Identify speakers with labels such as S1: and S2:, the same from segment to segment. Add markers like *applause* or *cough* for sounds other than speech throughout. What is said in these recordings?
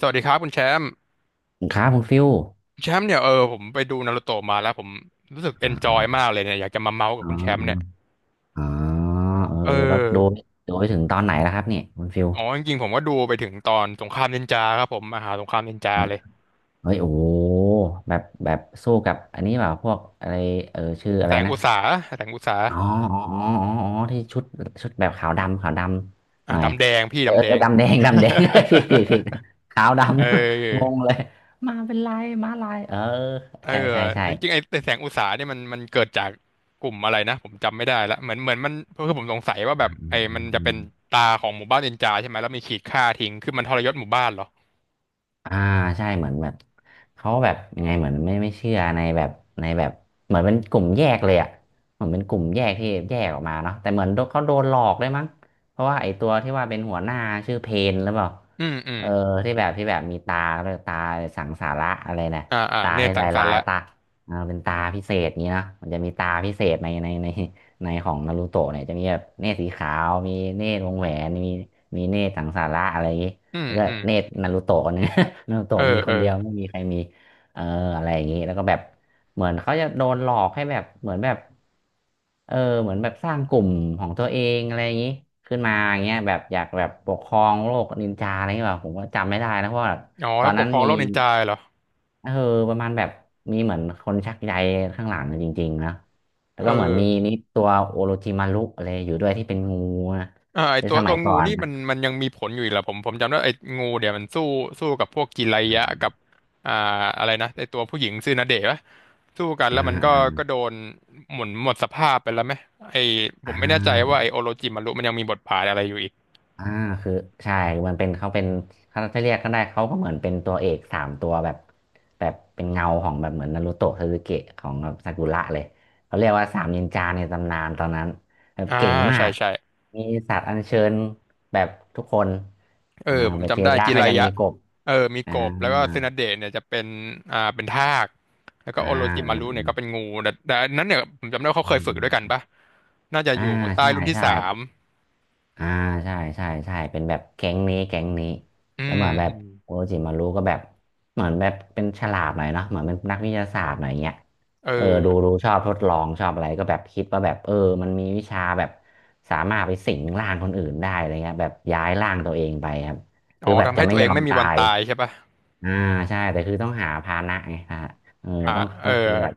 S1: สวัสดีครับคุณแชมป์
S2: ครับคุณฟิว
S1: แชมป์เนี่ยผมไปดูนารูโตะมาแล้วผมรู้สึกเอ
S2: อ่
S1: นจอยมา
S2: า
S1: กเลยเนี่ยอยากจะมาเมาส์กับ
S2: อ๋
S1: คุณแชมป์เนี่ย
S2: ออ๋อเออ
S1: เอ
S2: แล้วดู
S1: อ
S2: ดูไปถึงตอนไหนแล้วครับเนี่ยคุณฟิว
S1: จริงๆผมก็ดูไปถึงตอนสงครามนินจาครับผมมหาสงครามนินจา
S2: เฮ้ย
S1: เลย
S2: เฮ้ยโอ้โหแบบสู้กับอันนี้เปล่าพวกอะไรเออชื่ออะ
S1: แส
S2: ไร
S1: ง
S2: นะ
S1: อุตสาแสงอุตสา
S2: อ๋ออ๋อที่ชุดแบบขาวดำ ขาวดำ
S1: อ่ะ
S2: หน่อย
S1: ดำแดงพี่
S2: เออ
S1: ดำแดง
S2: ดำแดง ดำแดง *laughs* ผิดขาว
S1: *laughs*
S2: ดำ
S1: เอ
S2: *laughs*
S1: อ
S2: นะงงเลย มาเป็นลายมาลายเออ
S1: เอ
S2: ใช่
S1: อ
S2: ใช่ใช่
S1: จริงๆไอ้แสงอุตสาเนี่ยมันเกิดจากกลุ่มอะไรนะผมจำไม่ได้ละเหมือนมันคือผมสงสัยว่า
S2: อื
S1: แบบ
S2: มอื
S1: ไอ้มัน
S2: ม
S1: จะ
S2: อื
S1: เป็
S2: ม
S1: นตาของหมู่บ้านนินจาใช่ไหมแล้วมีขีดฆ่าทิ้งคือมันทรยศหมู่บ้านเหรอ
S2: อ่าใช่เหมือนแบบเขาแบบยังไงเหมือนไม่เชื่อในแบบในแบบเหมือนเป็นกลุ่มแยกเลยอ่ะเหมือนเป็นกลุ่มแยกที่แยกออกมาเนาะแต่เหมือนโดนเขาโดนหลอกด้วยมั้งเพราะว่าไอ้ตัวที่ว่าเป็นหัวหน้าชื่อเพนหรือเปล่า
S1: อืมอืม
S2: เออที่แบบที่แบบมีตาแล้วตาสังสาระอะไรนะ
S1: อ่าอ่า
S2: ตา
S1: เนต
S2: ให้
S1: รสั
S2: ลา
S1: ง
S2: ย
S1: สร
S2: ลา
S1: รค์
S2: ย
S1: ละ
S2: ตาอ่าเป็นตาพิเศษนี้เนาะมันจะมีตาพิเศษในในของนารูโตะเนี่ยจะมีแบบเนตรสีขาวมีเนตรวงแหวนมีมีเนตรสังสาระอะไรอย่างงี้
S1: อืม
S2: แล้วก็
S1: อืม
S2: เนตรนารูโตะคนหนึง นารูโตะ
S1: เออ
S2: มี
S1: เอ
S2: ค
S1: อ
S2: นเดียวไม่มีใครมีเอออะไรอย่างนี้แล้วก็แบบเหมือนเขาจะโดนหลอกให้แบบเหมือนแบบเออเหมือนแบบสร้างกลุ่มของตัวเองอะไรอย่างนี้ขึ้นมาอย่างเงี้ยแบบอยากแบบปกครองโลกนินจาอะไรเงี้ยแบบผมก็จำไม่ได้นะเพราะว่าตอ
S1: ถ้า
S2: น
S1: ป
S2: นั้
S1: ก
S2: น
S1: ครอง
S2: มี
S1: โลกนินจาเหรอ
S2: เออประมาณแบบมีเหมือนคนชักใยข้างหลังจริงๆนะแล้ว
S1: เอ
S2: ก็เหมือนมี
S1: อ
S2: นี่ตัวโอโรจิมารุอะไรอยู่ด้วยที่เป็นงูนะ
S1: ไอ
S2: ใน
S1: ตัว
S2: ส
S1: ตั
S2: มั
S1: ว
S2: ยก่
S1: งู
S2: อน
S1: นี่
S2: นะ
S1: มันยังมีผลอยู่อีกเหรอผมจำได้ไองูเดี๋ยวมันสู้สู้กับพวกจิไรยะกับอ่าอะไรนะไอตัวผู้หญิงซื่อนาเดะปะสู้กัน
S2: อ่า
S1: แล้วมันก็
S2: อ่า
S1: ก็โดนหมุนหมดสภาพไปแล้วไหมไอผ
S2: อ่
S1: มไม่แน่ใจว่าไอ
S2: า
S1: โอโรจิมารุมันยังมีบทบาทอะไรอยู่อีก
S2: อ่าคือใช่มันเป็นเขาเป็นเขาจะเรียกก็ได้เขาก็เหมือนเป็นตัวเอกสามตัวแบบแบบเป็นเงาของแบบเหมือนนารูโตะซาสึเกะของแบบซากุระเลยเขาเรียกว่าสามนินจาในตำนานตอนนั้นแบบ
S1: อ่า
S2: เก่งมา
S1: ใช่
S2: ก
S1: ใช่
S2: มีสัตว์อัญเชิญแบบทุกคน
S1: เออ
S2: อ่า
S1: ผม
S2: เบจิ
S1: จำได้
S2: ยะ
S1: จิ
S2: ก็
S1: ไร
S2: ยัง
S1: ยะ
S2: มีกบ
S1: เออมี
S2: อ่า
S1: กบแล้วก็เซนาเดะเนี่ยจะเป็นเป็นทากแล้วก็
S2: อ่า
S1: โอโรจิมา
S2: อ่
S1: รุเนี่ย
S2: า
S1: ก็เป็นงูแต่อันนั้นเนี่ยผมจำได้ว่าเขาเคยฝึกด้วยกันปะน่าจะอ
S2: อ่า
S1: ยู่ใต้
S2: ใช่
S1: รุ่นที่
S2: ใช่
S1: สาม
S2: อ่าใช่เป็นแบบแก๊งนี้แก๊งนี้
S1: อื
S2: แล้ว
S1: ม
S2: เหมือนแบ
S1: อื
S2: บ
S1: ม
S2: โอจิมารุก็แบบเหมือนแบบเป็นฉลาดหน่อยเนาะเหมือนเป็นนักวิทยาศาสตร์หน่อยเงี้ย
S1: เออ
S2: เออดูชอบทดลองชอบอะไรก็แบบคิดว่าแบบเออมันมีวิชาแบบสามารถไปสิงร่างคนอื่นได้อะไรเงี้ยแบบย้ายร่างตัวเองไปครับคือแบบ
S1: ทำ
S2: จะ
S1: ให้ตั
S2: ไม่
S1: วเอ
S2: ย
S1: ง
S2: อม
S1: ไม่มี
S2: ตา
S1: วัน
S2: ย
S1: ตายใช่ปะ
S2: อ่าใช่แต่คือต้องหาภาชนะไงฮะเออ
S1: อ่า
S2: ต้อง
S1: เอ
S2: ต้
S1: อ
S2: องคือแบบ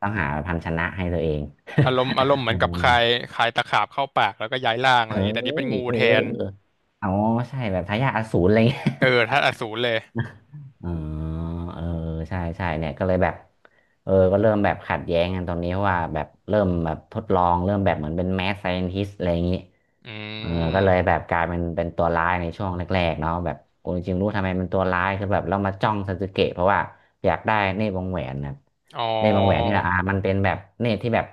S2: ต้องหาภาชนะให้ตัวเอง
S1: อารมณ์เห
S2: *laughs* เอ
S1: มื
S2: อ
S1: อนกับคายคายตะขาบเข้าปากแล้วก็ย้ายร่างอะไรอย่างงี้แต่
S2: เอ้
S1: นี่เป็น
S2: ย
S1: งู
S2: เออ
S1: แทน
S2: อ๋อใช่แบบทายาทอสูรอะไรเงี้ย
S1: เออธาตุอสูรเลย
S2: *laughs* อ๋อเออใช่ใช่เนี่ยก็เลยแบบเออก็เริ่มแบบขัดแย้งกันตรงนี้เพราะว่าแบบเริ่มแบบทดลองเริ่มแบบเหมือนเป็นแมสไซ i น t ิสอะไรอย่างนี้
S1: อื
S2: เออก็เลย
S1: ม
S2: แบบกลายเป็นตัวร้ายในช่วงแรกๆเนาะแบบโอ้จริงๆรู้ทำไมเป็นตัวร้ายคือแบบเรามาจ้องซาสึเกะเพราะว่าอยากได้เนตรวงแหวนนะ
S1: อ๋อ
S2: เนตรวงแหวนนี่แหละอ่ามันเป็นแบบเนตรที่แบบ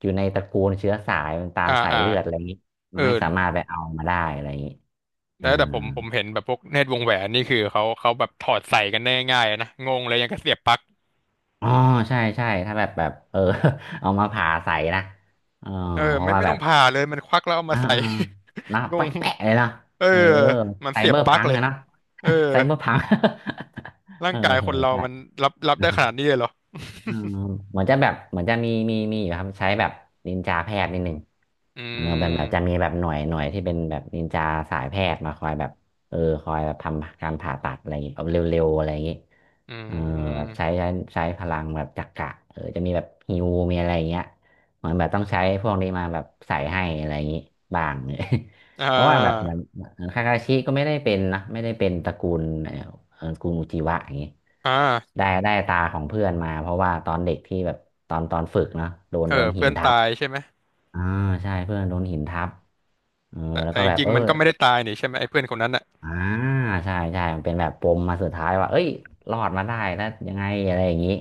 S2: อยู่ในตระกูลเชื้อสายมันตาม
S1: อ่า
S2: สาย
S1: อ่า
S2: เลือดอะไรอย่างนี้
S1: เอ
S2: มั
S1: อ
S2: นไม่สามารถไปเอามาได้อะไรอย่างนี้ อ่า
S1: แล้วแต่ผมเห็นแบบพวกเนตรวงแหวนนี่คือเขาแบบถอดใส่กันได้ง่ายๆนะงงเลยยังก็เสียบปลั๊ก
S2: อ๋อใช่ถ้าแบบเออ *laughs* เอามาผ่าใส่นะเออ
S1: เออ
S2: เพ
S1: ไม่
S2: ราะว่า
S1: ไม่
S2: แบ
S1: ต้อ
S2: บ
S1: งผ่าเลยมันควักแล้วเอามา
S2: อ่า
S1: ใส่
S2: อ่านะ
S1: *laughs* ง
S2: แปะ
S1: ง
S2: แปะเลยเนาะ
S1: เออ
S2: เออ
S1: มัน
S2: ไซ
S1: เสีย
S2: เบ
S1: บ
S2: อร์
S1: ปลั๊ก
S2: พัง
S1: เลย
S2: อะเนาะ
S1: เออ
S2: *laughs* ไซเบอร์พัง *laughs*
S1: ร่า
S2: เอ
S1: ง
S2: อ
S1: กาย
S2: เอ
S1: ค
S2: อ
S1: นเรา
S2: ใช่
S1: มันรับได้ขนาดนี้เลยเหรอ
S2: เออเหมือนจะแบบเหมือนจะมีอยู่ครับใช้แบบนินจาแพทย์นิดหนึ่ง
S1: อื
S2: เออแบบจะมี
S1: ม
S2: แบบหน่วยที่เป็นแบบนินจาสายแพทย์มาคอยแบบเออคอยแบบทำการผ่าตัดอะไรอย่างงี้แบบเร็วๆอะไรอย่างงี้
S1: อื
S2: เออแบบ
S1: ม
S2: ใช้ใช้พลังแบบจักระเออจะมีแบบฮิวมีอะไรอย่างเงี้ยเหมือนแบบต้องใช้พวกนี้มาแบบใส่ให้อะไรอย่างงี้บ้าง
S1: อ่
S2: *laughs* เพราะว่าแบบเห
S1: า
S2: มือน คาคาชิก็ไม่ได้เป็นนะไม่ได้เป็นตระกูลตระกูลอุจิวะอย่างงี้
S1: อ่า
S2: ได้ตาของเพื่อนมาเพราะว่าตอนเด็กที่แบบตอนฝึกนะโดน
S1: เออ
S2: โดนหิ
S1: เพื่
S2: น
S1: อน
S2: ทั
S1: ตา
S2: บ
S1: ยใช่ไหม
S2: อ่าใช่เพื่อนโดนหินทับเออ
S1: แต่
S2: แล้ว
S1: แต่
S2: ก็
S1: จ
S2: แบบ
S1: ริง
S2: เออ
S1: ๆมันก็ไม่ได้ตายนี่ใช่ไหมไอ้เพื่อนคนนั้นอ่ะ
S2: อ่าใช่ใช่มันเป็นแบบปมมาสุดท้ายว่าเอ้ยรอดมาได้แล้วยังไงอะไรอย่างนี้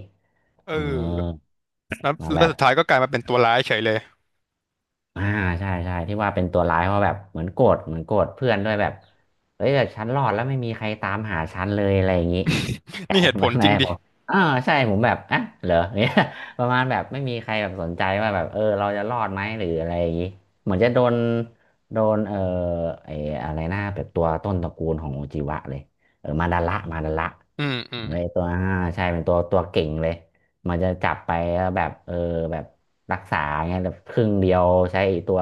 S1: เอ
S2: เออ
S1: อแล้ว
S2: มาแบ
S1: แล้ว
S2: บ
S1: สุดท้ายก็กลายมาเป็นตัวร้ายเฉยเลย
S2: อ่าใช่ที่ว่าเป็นตัวร้ายเพราะแบบเหมือนโกรธเหมือนโกรธเพื่อนด้วยแบบเฮ้ยแต่ฉันรอดแล้วไม่มีใครตามหาฉันเลยอะไรอย่างนี้ก
S1: นี่
S2: ลาย
S1: เหตุผ
S2: มา
S1: ลจริ
S2: แม่
S1: งดิ
S2: บอกอ่าใช่ผมแบบอ่ะเหรอ *laughs* เนี่ย *laughs* ประมาณแบบไม่มีใครแบบสนใจว่าแบบเราจะรอดไหมหรืออะไรอย่างนี้เหมือนจะโดนโดนไอ้อะไรนะแบบตัวต้นตระกูลของโอจิวะเลยเออมาดาระมาดาระ
S1: อืมอืม
S2: ไอตัวใช่เป็นตัวเก่งเลย มันจะจับไปแล้วแบบเออแบบรักษาเงี้ยแบบครึ่งเดียวใช้ไอ้ตัว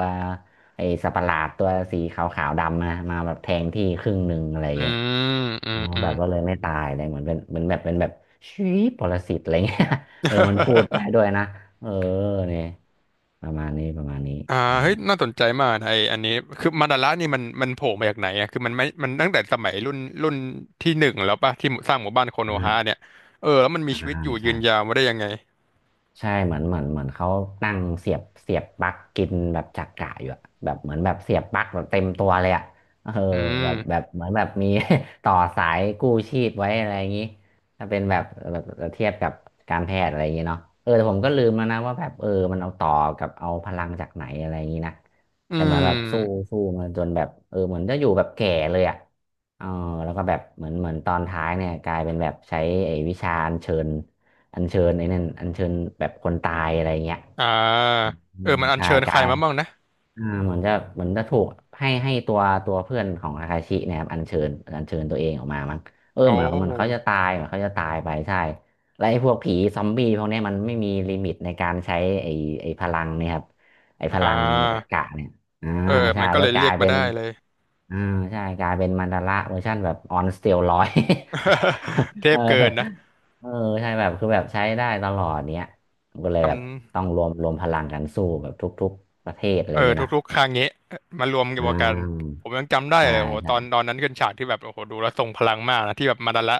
S2: ไอ้สัตว์ประหลาดตัวสีขาวขาวดำนะมาแบบแทงที่ครึ่งหนึ่งอะไร
S1: อื
S2: เงี้ย
S1: มอื
S2: อ๋
S1: ม
S2: อ
S1: *laughs* อื
S2: แบบก็เลยไม่ตายเลยเหมือนเป็นเหมือนแบบเป็นแบบชีปรสิตอะไรเงี้ย
S1: ม
S2: *laughs* เออมันพูดได้
S1: *laughs*
S2: ด้วยนะเออเนี่ยประมาณนี้ประมาณนี้
S1: อ่า
S2: ใช่
S1: เฮ้ยน่าสนใจมากนะไออันนี้คือมาดาระนี่มันมันโผล่มาจากไหนอ่ะคือมันไม่มันตั้งแต่สมัยรุ่นรุ่นที่หนึ่งแล้วป่ะที่สร้างหมู่บ้านโคโนฮา
S2: อ่า
S1: เนี่ยเออแล้วมันมี
S2: อ่
S1: ชีวิต
S2: า
S1: อยู่ยื
S2: ใช่
S1: นยาวมาได้ยังไง
S2: ใช่เหมือนเหมือนเหมือนเขาตั้งเสียบปลั๊กกินแบบจักระอยู่อะแบบเหมือนแบบเสียบปลั๊กแบบเต็มตัวเลยอะเออ
S1: อืม
S2: แบบแบบเหมือนแบบมี *laughs* ต่อสายกู้ชีพไว้อะไรอย่างงี้ถ้าเป็นแบบแบบเทียบกับการแพทย์อะไรอย่างงี้เนาะเออแต่ผมก็ลืมแล้วนะว่าแบบเออมันเอาต่อกับเอาพลังจากไหนอะไรอย่างงี้นะ
S1: อื
S2: แต่เหมือนแบบสู้
S1: ม
S2: สู้มาจนแบบเออเหมือนจะอยู่แบบแก่เลยอะเออแล้วก็แบบเหมือนเหมือนตอนท้ายเนี่ยกลายเป็นแบบใช้ไอ้วิชาอัญเชิญ อัญเชิญไอ้นั่นอัญเชิญแบบคนตายอะไรเงี้ย
S1: อ่า
S2: อื
S1: เออ
S2: ม
S1: มันอัญ
S2: ใช่
S1: เชิญใค
S2: กา
S1: ร
S2: ย
S1: มาบ้างนะ
S2: เหมือนจะเหมือนจะถูกให้ตัวเพื่อนของอาคาชิเนี่ยครับอัญเชิญอัญเชิญตัวเองออกมามั้งเออ
S1: โอ
S2: เหมือนเหมันเขา
S1: ้
S2: จะตายเหมือนเขาจะตายไปใช่และไอ้พวกผีซอมบี้พวกเนี้ยมันไม่มีลิมิตในการใช้ไอ้ไอ้พลังเนี่ยครับไอ้พ
S1: อ่
S2: ลังจั
S1: า
S2: กระเนี่ยอ่า
S1: เออ
S2: ใช่
S1: มันก็
S2: ก็
S1: เลย
S2: ก
S1: เรี
S2: ลา
S1: ย
S2: ย
S1: กมา
S2: เป็น
S1: ได้เลย
S2: อ่าใช่กลายเป็นมันดาระเวอร์ชันแบบออนสเตียรอย
S1: *laughs* เท
S2: *laughs* เออ
S1: พเกินนะ
S2: เออใช่แบบคือแบบใช้ได้ตลอดเนี้ยก็เลยแบบ
S1: จ
S2: ต้องรวมพลังกันสู้แบบทุกๆประเทศอะไร
S1: เอ
S2: อ
S1: อ
S2: ย่างเงี้ยเนาะ
S1: ทุกๆครั้งนี้มารวมกั
S2: อ่
S1: นกัน
S2: า
S1: ผมยังจำได้
S2: ใช่
S1: เลยโหต
S2: ใช่
S1: อนตอนนั้นขึ้นฉากที่แบบโอ้โหดูแล้วทรงพลังมากนะที่แบบมาดาระ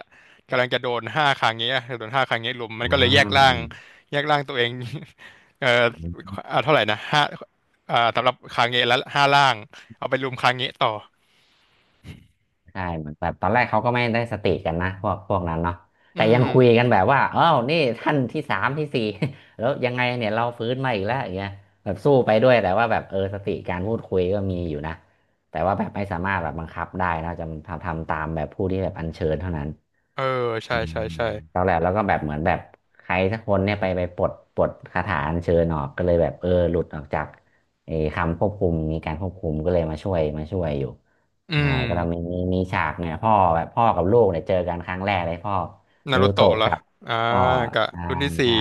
S1: กำลังจะโดนห้าครั้งนี้อโดนห้าครั้งนี้ลุมมันก็เลยแยกร่า
S2: อ
S1: งแยกร่างตัวเอง *laughs* เออ
S2: ่า
S1: เท่าไหร่นะห้าสำหรับครั้งนี้แล้วห้าร่างเอาไปลุมครั้งนี้ต่อ
S2: ใช่เหมือนแบบตอนแรกเขาก็ไม่ได้สติกันนะพวกพวกนั้นเนาะ
S1: อื
S2: แต่ยัง
S1: ม
S2: คุยกันแบบว่าอ้าวนี่ท่านที่สามที่สี่ *laughs* แล้วยังไงเนี่ยเราฟื้นมาอีกแล้วอย่างเงี้ยแบบสู้ไปด้วยแต่ว่าแบบเออสติการพูดคุยก็มีอยู่นะแต่ว่าแบบไม่สามารถแบบบังคับได้นะจะทำตามแบบผู้ที่แบบอัญเชิญเท่านั้น
S1: เออใช่
S2: อืม
S1: ใช่ใช่
S2: ตอนแรกแล้วก็แบบเหมือนแบบใครสักคนเนี่ยไปปลดคาถาอัญเชิญออกก็เลยแบบเออหลุดออกจากไอ้คำควบคุมมีการควบคุมก็เลยมาช่วยอยู่
S1: อื
S2: ใช่
S1: ม
S2: ก็เรามีฉากเนี่ยพ่อแบบพ่อกับลูกเนี่ยเจอกันครั้งแรกเลยพ่อ
S1: นา
S2: นา
S1: รุ
S2: รู
S1: โตะ
S2: โตะ
S1: เหรอ
S2: กับ
S1: อ่า
S2: พ่อ
S1: กับ
S2: ใช่
S1: รุ่นที่สี่
S2: ใช่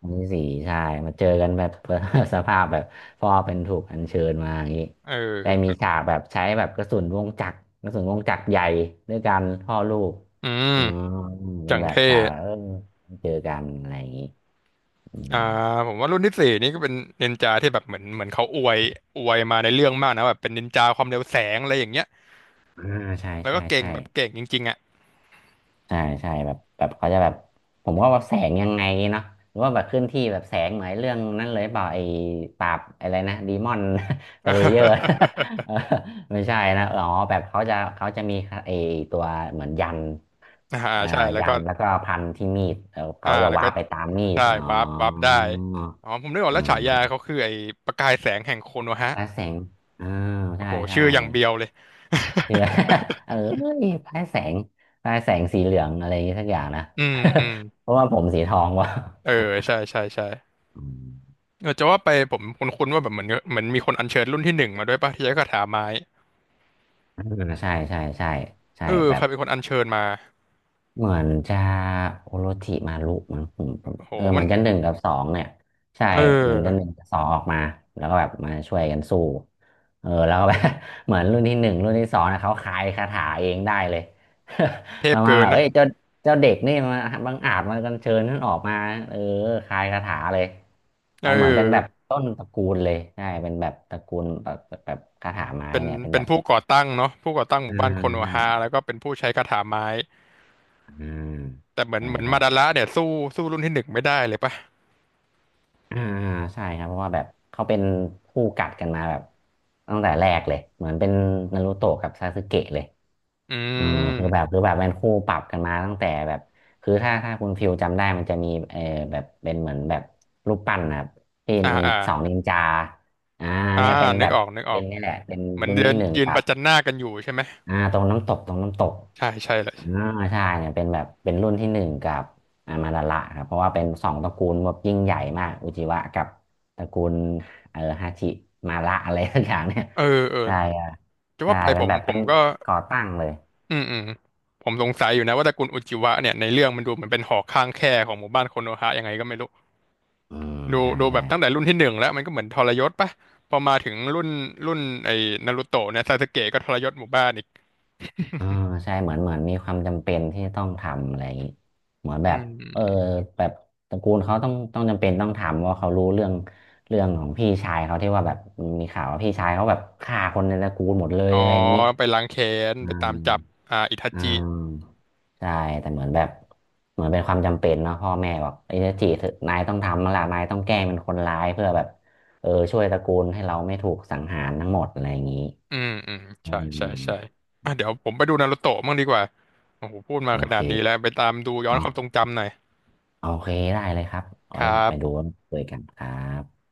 S2: อันที่สี่ใช่มาเจอกันแบบ *laughs* สภาพแบบพ่อเป็นถูกอัญเชิญมาอย่างนี้
S1: เอ
S2: ได้มี
S1: อ
S2: ฉากแบบใช้แบบกระสุนวงจักรใหญ่ด้วยกันพ่อลูก
S1: อืม
S2: อืมเป็
S1: จั
S2: น
S1: ง
S2: แบบ
S1: เท่
S2: สาวเออเจอกันอะไรอย่างนี้อืม
S1: อ่าผมว่ารุ่นที่สี่นี่ก็เป็นนินจาที่แบบเหมือนเขาอวยมาในเรื่องมากนะแบบเป็นนินจาความเร็วแสงอะไรอย่างเงี้ย
S2: อ่าใช่
S1: แล้ว
S2: ใช่
S1: ก็เก่ง
S2: ใช่
S1: แบบเก่งจริงๆอ่ะ
S2: ใช่ใช่แบบแบบเขาจะแบบผมว่าแบบแสงยังไงเนาะหรือว่าแบบเคลื่อนที่แบบแสงเหมือนเรื่องนั้นเลยเปล่าไอ้ปราบอะไรนะดีมอน *laughs* สเลเยอร์ *laughs*
S1: *laughs*
S2: เออไม่ใช่นะอ๋อแบบเขาจะมีไอ้ตัวเหมือนยัน
S1: อ่า
S2: อ่า
S1: ใช่แล้ว
S2: ยั
S1: ก็
S2: นแล้วก็พันที่มีดเออ
S1: อ่า
S2: เขาจะ
S1: แล้วก็
S2: ว้าร์ปไปตามมีด
S1: ใช่
S2: อ๋อ
S1: วาร์ปได้อ๋อผมนึกออก
S2: อื
S1: แล้วฉายา
S2: ม
S1: เขาคือไอ้ประกายแสงแห่งโคโนฮะ
S2: และแสงอ่า
S1: โอ้
S2: ใช่
S1: โห
S2: ใช่
S1: ชื่ออย่างเบียวเลย *laughs*
S2: เชื่อ *laughs* เออพลายแสงพลายแสงสีเหลืองอะไรอย่างงี้สักอย่างนะ
S1: อืมอืม
S2: *laughs* เพราะว่าผมสีทองวะ
S1: เออใช่ใช่ใช่
S2: อืม
S1: เออจะว่าไปผมคุ้นๆว่าแบบเหมือนมีคนอัญเชิญรุ่นที่หนึ่งมาด้วยป่ะที่ใช้คาถาไม้
S2: เออใช่ใช่ ใช่ ใช่
S1: เออ
S2: แบ
S1: ใค
S2: บ
S1: รเป็นคนอัญเชิญมา
S2: เหมือนจะโอโรจิมารุมั้งผมผ
S1: โอ้
S2: ม
S1: โห
S2: เออเห
S1: มั
S2: มื
S1: น
S2: อนจะหนึ่งกับสองเนี่ยใช่
S1: เอ
S2: เหมือนจะหนึ่ง
S1: อ
S2: กับสองออกมาแล้วก็แบบมาช่วยกันสู้เออแล้วก็แบบ *laughs* เหมือนรุ่นที่หนึ่งรุ่นที่สองนะเขาคายคาถาเองได้เลย
S1: เท
S2: *laughs* ป
S1: พ
S2: ระมาณ
S1: เกิ
S2: แบ
S1: น
S2: บ
S1: นะ
S2: เอ้ยเจ้าเด็กนี่มาบังอาจมากันเชิญท่านออกมาเออคายคาถาเลย
S1: เอ
S2: แต่เหมือนเป็นแบบ
S1: อ
S2: ต้นตระกูลเลยใช่เป็นแบบตระกูลแบบแบบคาถาไม้
S1: เป็น
S2: เนี่ยเป็น
S1: เป็
S2: แบ
S1: น
S2: บ
S1: ผู้ก่อตั้งเนาะผู้ก่อตั้งห
S2: อ่า
S1: มู่บ้านโคโน
S2: ใช่
S1: ฮาแล้วก็เป็นผู้ใช้คาถาไม้
S2: อ่า
S1: แต่เหมือน
S2: ใช่
S1: เหมือน
S2: ใช่
S1: มาดาระเนี่ยสู้สู้รุ่นที่หนึ่งไม่ได้เลยปะ
S2: อ่าอ่าใช่ครับเพราะว่าแบบเขาเป็นคู่กัดกันมาแบบตั้งแต่แรกเลยเหมือนเป็นนารูโตะกับซาสึเกะเลย
S1: อื
S2: เออคือแบบ
S1: ม
S2: คือแบบเป็นคู่ปรับกันมาตั้งแต่แบบคือถ้าคุณฟิวจำได้มันจะมีเออแบบเป็นเหมือนแบบรูปปั้นนะครับที่
S1: อ่า
S2: นิน
S1: อ่า
S2: สองนินจาอ่า
S1: อ่า
S2: เนี่ยเป็น
S1: นึ
S2: แบ
S1: ก
S2: บ
S1: ออกนึกออ
S2: เป็
S1: ก
S2: นนี่แหละเป็น
S1: เหมือน
S2: รุ่น
S1: เดิ
S2: ที่
S1: น
S2: หนึ่ง
S1: ยืน
S2: กั
S1: ป
S2: บ
S1: ระจันหน้ากันอยู่ใช่ไหม
S2: อ่าตรงน้ำตก
S1: ใช่ใช่เลย
S2: อ่าใช่เนี่ยเป็นแบบเป็นรุ่นที่หนึ่งกับอ่ามาดาระครับเพราะว่าเป็นสองตระกูลแบบยิ่งใหญ่มากอุจิวะกับตระกูลเออฮาชิมาระอะไรสักอย่างเนี่ย
S1: เออเออ
S2: ใช่อ่ะ
S1: จะ
S2: ใช่
S1: ว่าไปผ
S2: เป็น
S1: ม
S2: แบบ
S1: ผ
S2: เป็
S1: ม
S2: น
S1: ก็
S2: ก่อตั้งเลย
S1: อืมอืมผมสงสัยอยู่นะว่าตระกูลอุจิวะเนี่ยในเรื่องมันดูเหมือนเป็นหอข้างแคของหมู่บ้านโคโนฮะยังไงก็ไม่รู้
S2: อืม
S1: ดู
S2: ใช่
S1: ดูแบ
S2: ใช่
S1: บตั้งแต่รุ่นที่หนึ่งแล้วมันก็เหมือนทรยศปะพอมาถึงรุ่นรุ่นไอ้นารูโตะเนี่ยซาสึเกะก็ทรยศหมู่บ้านอีก
S2: อ่าใช่เหมือนเหมือนมีความจำเป็นที่ต้องทำอะไรอย่างนี้เหมือนแบ
S1: อื
S2: บเออ
S1: ม
S2: แบบตระกูลเขาต้องจำเป็นต้องทำเพราะเขารู้เรื่องของพี่ชายเขาที่ว่าแบบมีข่าวว่าพี่ชายเขาแบบฆ่าคนในตระกูลหมดเลย
S1: อ๋อ
S2: อะไรอย่างนี้
S1: ไปล้างแค้น
S2: อื
S1: ไปตา
S2: ม
S1: มจับอ่าอิทา
S2: อื
S1: จิ
S2: มใช่แต่เหมือนแบบเหมือนเป็นความจำเป็นเนาะพ่อแม่บอกไอ้เจะจีเถอะนายต้องทำแล้วล่ะนายต้องแกล้งเป็นคนร้ายเพื่อแบบเออช่วยตระกูลให้เราไม่ถูกสังหารทั้งหมดอะไรอย่างนี้
S1: อืมอืม
S2: อื
S1: ใช่ใช่
S2: ม
S1: ใช่อ่ะเดี๋ยวผมไปดูนารูโตะมั่งดีกว่าโอ้โหพูดมา
S2: โอ
S1: ข
S2: เค
S1: นาดนี้แล้วไปตามดูย้อนค
S2: เนาะ
S1: วามทรงจำหน่อย
S2: โอเคได้เลยครับเอา
S1: ค
S2: ไว้
S1: รั
S2: ไปดู
S1: บ
S2: เจอกันครับ